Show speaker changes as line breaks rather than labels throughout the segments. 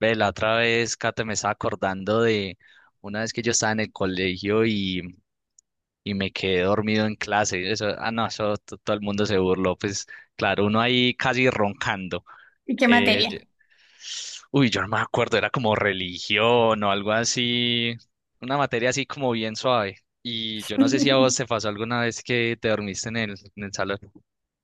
Ve, la otra vez, Kate, me estaba acordando de una vez que yo estaba en el colegio y me quedé dormido en clase. Eso, ah, no, eso todo el mundo se burló. Pues claro, uno ahí casi roncando.
¿Y qué
Eh, yo-
materia?
yo no me acuerdo, era como religión o algo así, una materia así como bien suave. Y yo no sé si a vos te pasó alguna vez que te dormiste en en el salón.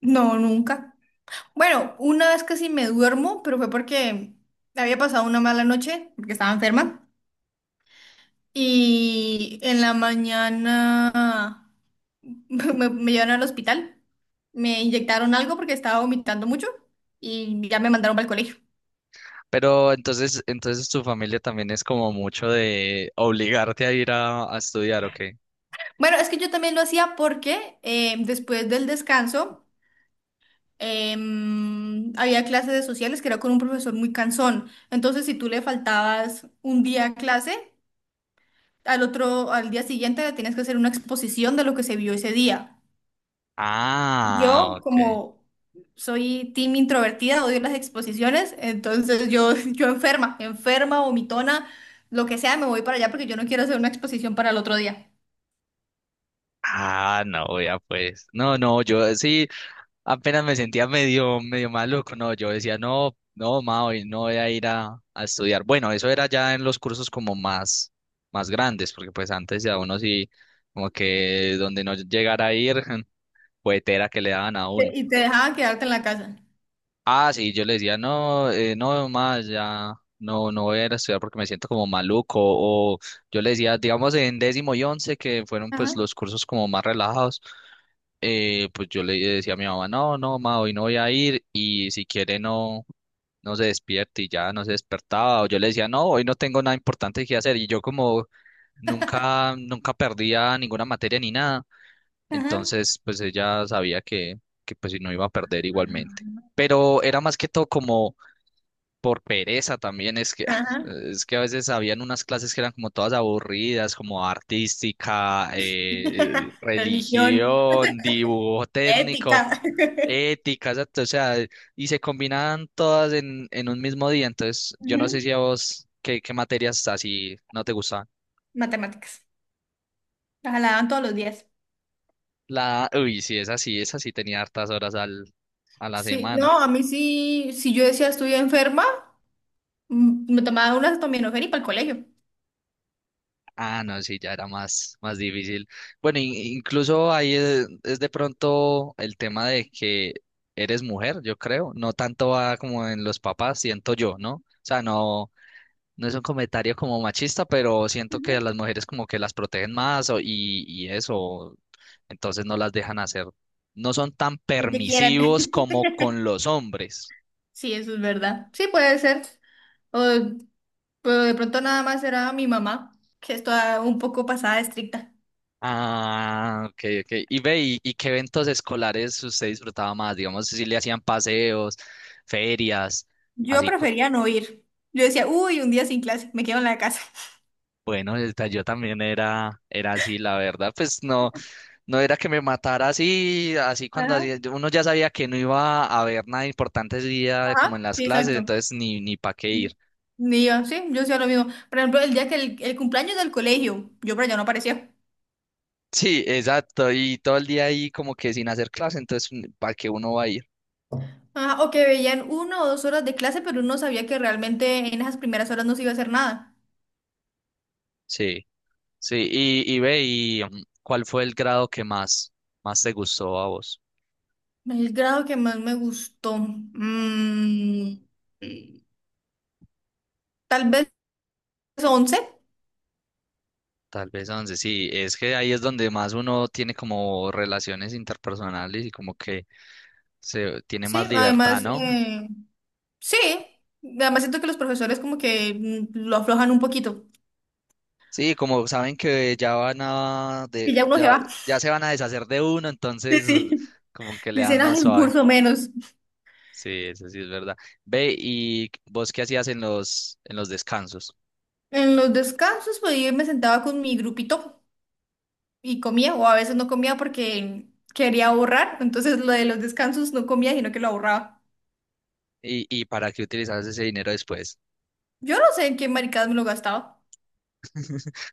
No, nunca. Bueno, una vez casi me duermo, pero fue porque había pasado una mala noche, porque estaba enferma. Y en la mañana me llevaron al hospital. Me inyectaron algo porque estaba vomitando mucho y ya me mandaron para el colegio.
Pero entonces tu familia también es como mucho de obligarte a ir a estudiar, ¿ok?
Bueno, es que yo también lo hacía porque después del descanso había clases de sociales que era con un profesor muy cansón. Entonces, si tú le faltabas un día a clase, al otro, al día siguiente le tienes que hacer una exposición de lo que se vio ese día.
Ah,
Yo,
ok.
como soy team introvertida, odio las exposiciones, entonces yo, yo enferma, enferma, vomitona, lo que sea, me voy para allá porque yo no quiero hacer una exposición para el otro día.
Ah, no, ya pues. No, no, yo sí, apenas me sentía medio maluco. No, yo decía, no, no, ma, hoy no voy a ir a estudiar. Bueno, eso era ya en los cursos como más grandes, porque pues antes ya uno sí, como que donde no llegara a ir, puetera que le daban a uno.
Y te dejaban quedarte en la casa.
Ah, sí, yo le decía, no, no más, ya, no voy a ir a estudiar porque me siento como maluco, o yo le decía, digamos en décimo y once, que fueron
Ajá,
pues los cursos como más relajados, pues yo le decía a mi mamá, no, no, ma, hoy no voy a ir, y si quiere no se despierte, y ya no se despertaba, o yo le decía, no, hoy no tengo nada importante que hacer, y yo como nunca perdía ninguna materia ni nada,
ajá,
entonces pues ella sabía que pues si no iba a perder igualmente, pero era más que todo como por pereza también.
ajá.
Es que a veces habían unas clases que eran como todas aburridas, como artística,
Religión,
religión, dibujo
ética.
técnico, ética, exacto, o sea, y se combinaban todas en un mismo día, entonces yo no sé
Ujú.
si a vos qué materias así no te gustaban.
Matemáticas. Las daban todos los días.
La, uy, sí, esa sí tenía hartas horas a la
Sí,
semana.
no, a mí sí, si yo decía estoy enferma. Mm, me tomaba una acetaminofén y para el colegio.
Ah, no, sí, ya era más difícil. Bueno, incluso ahí es de pronto el tema de que eres mujer, yo creo. No tanto va como en los papás, siento yo, ¿no? O sea, no, no es un comentario como machista, pero siento que a
Ujú.
las mujeres como que las protegen más y eso, entonces no las dejan hacer. No son tan
Lo que quieran.
permisivos como con los hombres.
Sí, eso es verdad. Sí, puede ser. O, pero de pronto nada más era mi mamá, que es toda un poco pasada de estricta.
Ah, ok, ok. Y ve, y qué eventos escolares usted disfrutaba más? Digamos, si le hacían paseos, ferias,
Yo
así.
prefería no ir. Yo decía, uy, un día sin clase, me quedo en la casa.
Bueno, yo también era así, la verdad. Pues no, no era que me matara así,
Ajá.
uno ya sabía que no iba a haber nada importante ese día como
Ajá,
en las
sí,
clases,
exacto.
entonces ni para qué ir.
Ni yo, sí, yo hacía lo mismo. Por ejemplo, el día que el cumpleaños del colegio, yo por allá no aparecía.
Sí, exacto. Y todo el día ahí como que sin hacer clase, entonces ¿para qué uno va a ir?
Ajá, o que veían una o dos horas de clase, pero uno sabía que realmente en esas primeras horas no se iba a hacer nada.
Sí. Sí, y ¿cuál fue el grado que más te gustó a vos?
El grado que más me gustó. Tal vez 11
Tal vez 11, sí, es que ahí es donde más uno tiene como relaciones interpersonales y como que se tiene más
sí.
libertad,
Además,
¿no?
sí. Además siento que los profesores como que lo aflojan un poquito.
Sí, como saben que ya van a
Y ya uno se va.
ya se van a deshacer de uno,
Sí,
entonces
sí.
como que le dan
Dicen, ah,
más
un
suave.
curso menos.
Sí, eso sí es verdad. Ve, ¿y vos qué hacías en los descansos?
En los descansos, pues yo me sentaba con mi grupito y comía, o a veces no comía porque quería ahorrar. Entonces lo de los descansos no comía, sino que lo ahorraba.
Y para qué utilizabas ese dinero después?
Yo no sé en qué maricadas me lo gastaba.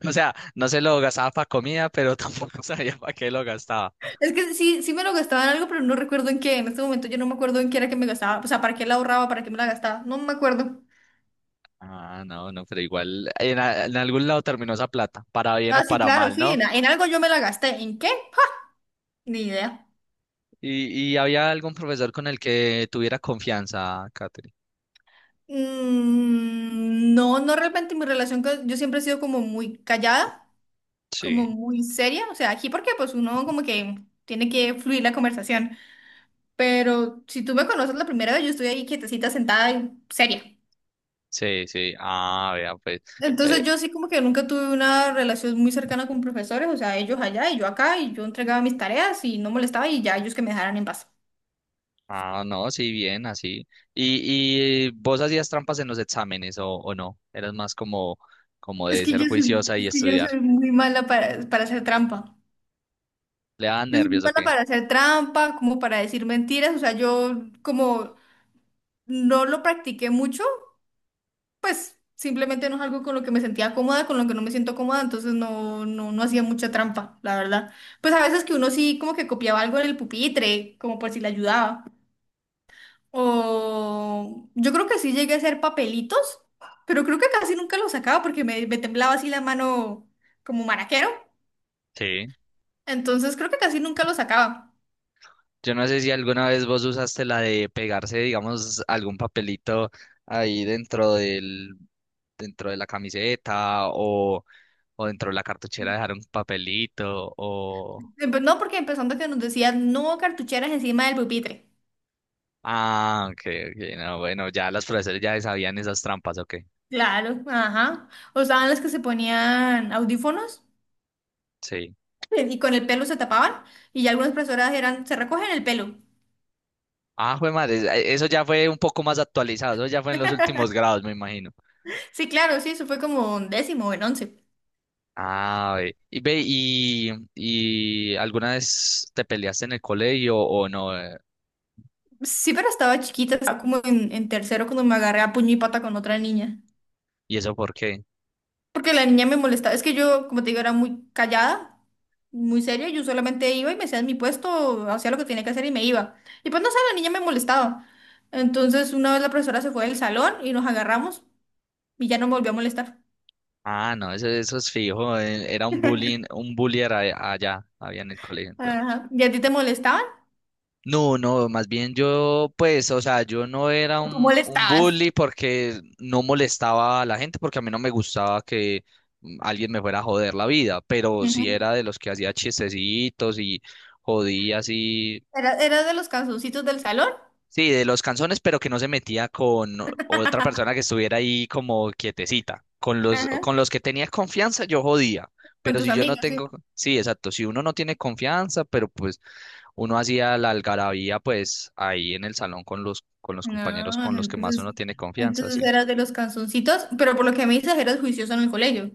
O sea, no se lo gastaba para comida, pero tampoco sabía para qué lo gastaba.
Es que sí, sí me lo gastaba en algo, pero no recuerdo en qué. En este momento yo no me acuerdo en qué era que me gastaba. O sea, para qué la ahorraba, para qué me la gastaba. No me acuerdo.
Ah, no, no, pero igual en algún lado terminó esa plata, para bien o
Ah, sí,
para
claro,
mal,
sí. En,
¿no?
en algo yo me la gasté. ¿En qué? ¡Ja! Ni idea.
Y había algún profesor con el que tuviera confianza, Catherine.
Mm, no, no realmente mi relación con... Yo siempre he sido como muy callada, como
Sí,
muy seria. O sea, aquí porque pues uno como que tiene que fluir la conversación. Pero si tú me conoces la primera vez, yo estoy ahí quietecita, sentada y seria.
sí, sí. Ah, vea, pues. eh,
Entonces yo sí como que nunca tuve una relación muy cercana con profesores, o sea, ellos allá y yo acá, y yo entregaba mis tareas y no molestaba y ya ellos que me dejaran en paz.
ah, no, sí, bien, así. Y vos hacías trampas en los exámenes o no? Eras más como, como
Es
de
que
ser
yo soy,
juiciosa y
es que yo
estudiar.
soy muy mala para hacer trampa.
¿Le daban
Yo soy muy
nervios o
mala
qué?
para hacer trampa, como para decir mentiras, o sea, yo como no lo practiqué mucho, pues simplemente no es algo con lo que me sentía cómoda, con lo que no me siento cómoda, entonces no, no, no hacía mucha trampa, la verdad. Pues a veces que uno sí como que copiaba algo en el pupitre, como por si le ayudaba. O yo creo que sí llegué a hacer papelitos, pero creo que casi nunca los sacaba porque me temblaba así la mano como maraquero.
Sí.
Entonces creo que casi nunca los sacaba.
Yo no sé si alguna vez vos usaste la de pegarse, digamos, algún papelito ahí dentro dentro de la camiseta o dentro de la cartuchera dejar un papelito o...
No, porque empezando que nos decían no cartucheras encima del pupitre.
Ah, ok, ok, no, bueno, ya los profesores ya sabían esas trampas, ok,
Claro, ajá. O estaban las que se ponían audífonos
sí.
y con el pelo se tapaban y ya algunas profesoras eran, se recogen el pelo.
Ah, jue madre, eso ya fue un poco más actualizado, eso ya fue en los últimos grados, me imagino.
Sí, claro, sí, eso fue como en décimo o en once.
Ah, ve, y ¿alguna vez te peleaste en el colegio o no? ¿Eh?
Sí, pero estaba chiquita, estaba como en tercero cuando me agarré a puño y pata con otra niña.
¿Y eso por qué?
Porque la niña me molestaba. Es que yo, como te digo, era muy callada, muy seria. Yo solamente iba y me hacía en mi puesto, hacía lo que tenía que hacer y me iba. Y pues no sé, la niña me molestaba. Entonces, una vez la profesora se fue del salón y nos agarramos y ya no me volvió a molestar.
Ah, no, eso es fijo. Eh, era un bullying, un allá, había en el colegio entonces.
Ajá. ¿Y a ti te molestaban?
No, no, más bien yo, pues, o sea, yo no era
¿O tú
un
molestabas?
bully porque no molestaba a la gente, porque a mí no me gustaba que alguien me fuera a joder la vida, pero sí
Ujú.
era de los que hacía chistecitos y jodía así.
¿Eras de los canzoncitos del salón?
Sí, de los canzones, pero que no se metía con otra persona que estuviera ahí como quietecita. Con
Ajá.
con los que tenía confianza, yo jodía.
Con
Pero
tus
si yo no
amigos, sí.
tengo, sí, exacto. Si uno no tiene confianza, pero pues uno hacía la algarabía, pues ahí en el salón con con los compañeros
No,
con los que más
entonces,
uno tiene confianza,
entonces
sí.
eras de los canzoncitos, pero por lo que me dices, eras juicioso en el colegio.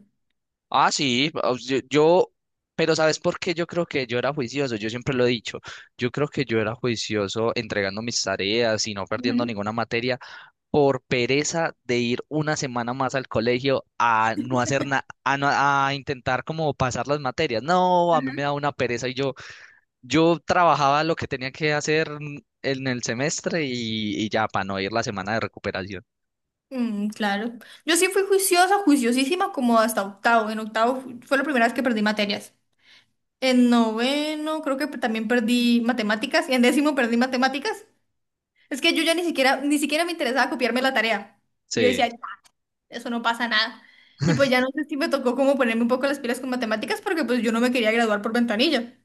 Ah, sí, pero ¿sabes por qué? Yo creo que yo era juicioso, yo siempre lo he dicho. Yo creo que yo era juicioso entregando mis tareas y no perdiendo
Ujú.
ninguna materia por pereza de ir una semana más al colegio a no hacer nada, a, no- a intentar como pasar las materias. No, a mí me
Ujú.
da una pereza y yo trabajaba lo que tenía que hacer en el semestre y ya para no ir la semana de recuperación.
Mm, claro. Yo sí fui juiciosa, juiciosísima, como hasta octavo. En octavo fue la primera vez que perdí materias. En noveno creo que también perdí matemáticas. Y en décimo perdí matemáticas. Es que yo ya ni siquiera, ni siquiera me interesaba copiarme la tarea. Yo
Sí,
decía, "Ya, eso no pasa nada. Y pues ya no sé si me tocó como ponerme un poco las pilas con matemáticas porque pues yo no me quería graduar por ventanilla.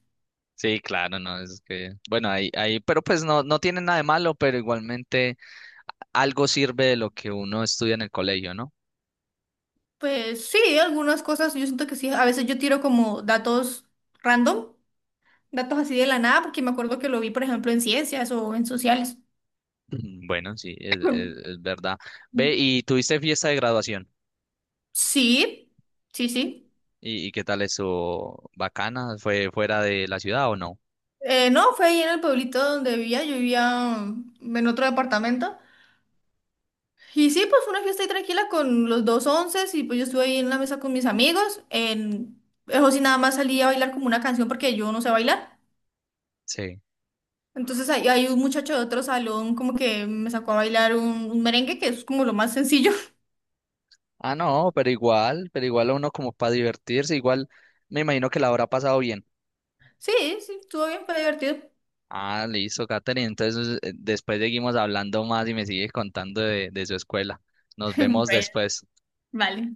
sí, claro, no, es que, bueno, ahí, pero pues no, no tiene nada de malo, pero igualmente algo sirve de lo que uno estudia en el colegio, ¿no?
Pues sí, algunas cosas yo siento que sí. A veces yo tiro como datos random, datos así de la nada, porque me acuerdo que lo vi, por ejemplo, en ciencias o en sociales.
Mm, bueno, sí, es es verdad. Ve, ¿y tuviste fiesta de graduación?
Sí, sí, sí.
Y qué tal eso? ¿Bacana? ¿Fue fuera de la ciudad o no?
No, fue ahí en el pueblito donde vivía, yo vivía en otro departamento. Y sí, pues fue una fiesta ahí tranquila con los dos onces y pues yo estuve ahí en la mesa con mis amigos. En... Eso sí, nada más salí a bailar como una canción porque yo no sé bailar.
Sí.
Entonces ahí, hay un muchacho de otro salón como que me sacó a bailar un merengue que es como lo más sencillo.
Ah, no, pero igual a uno como para divertirse, igual me imagino que la habrá pasado bien.
Sí, sí, estuvo bien, fue divertido.
Ah, listo, Katherine. Entonces después seguimos hablando más y me sigues contando de su escuela. Nos vemos
Bueno,
después.
vale.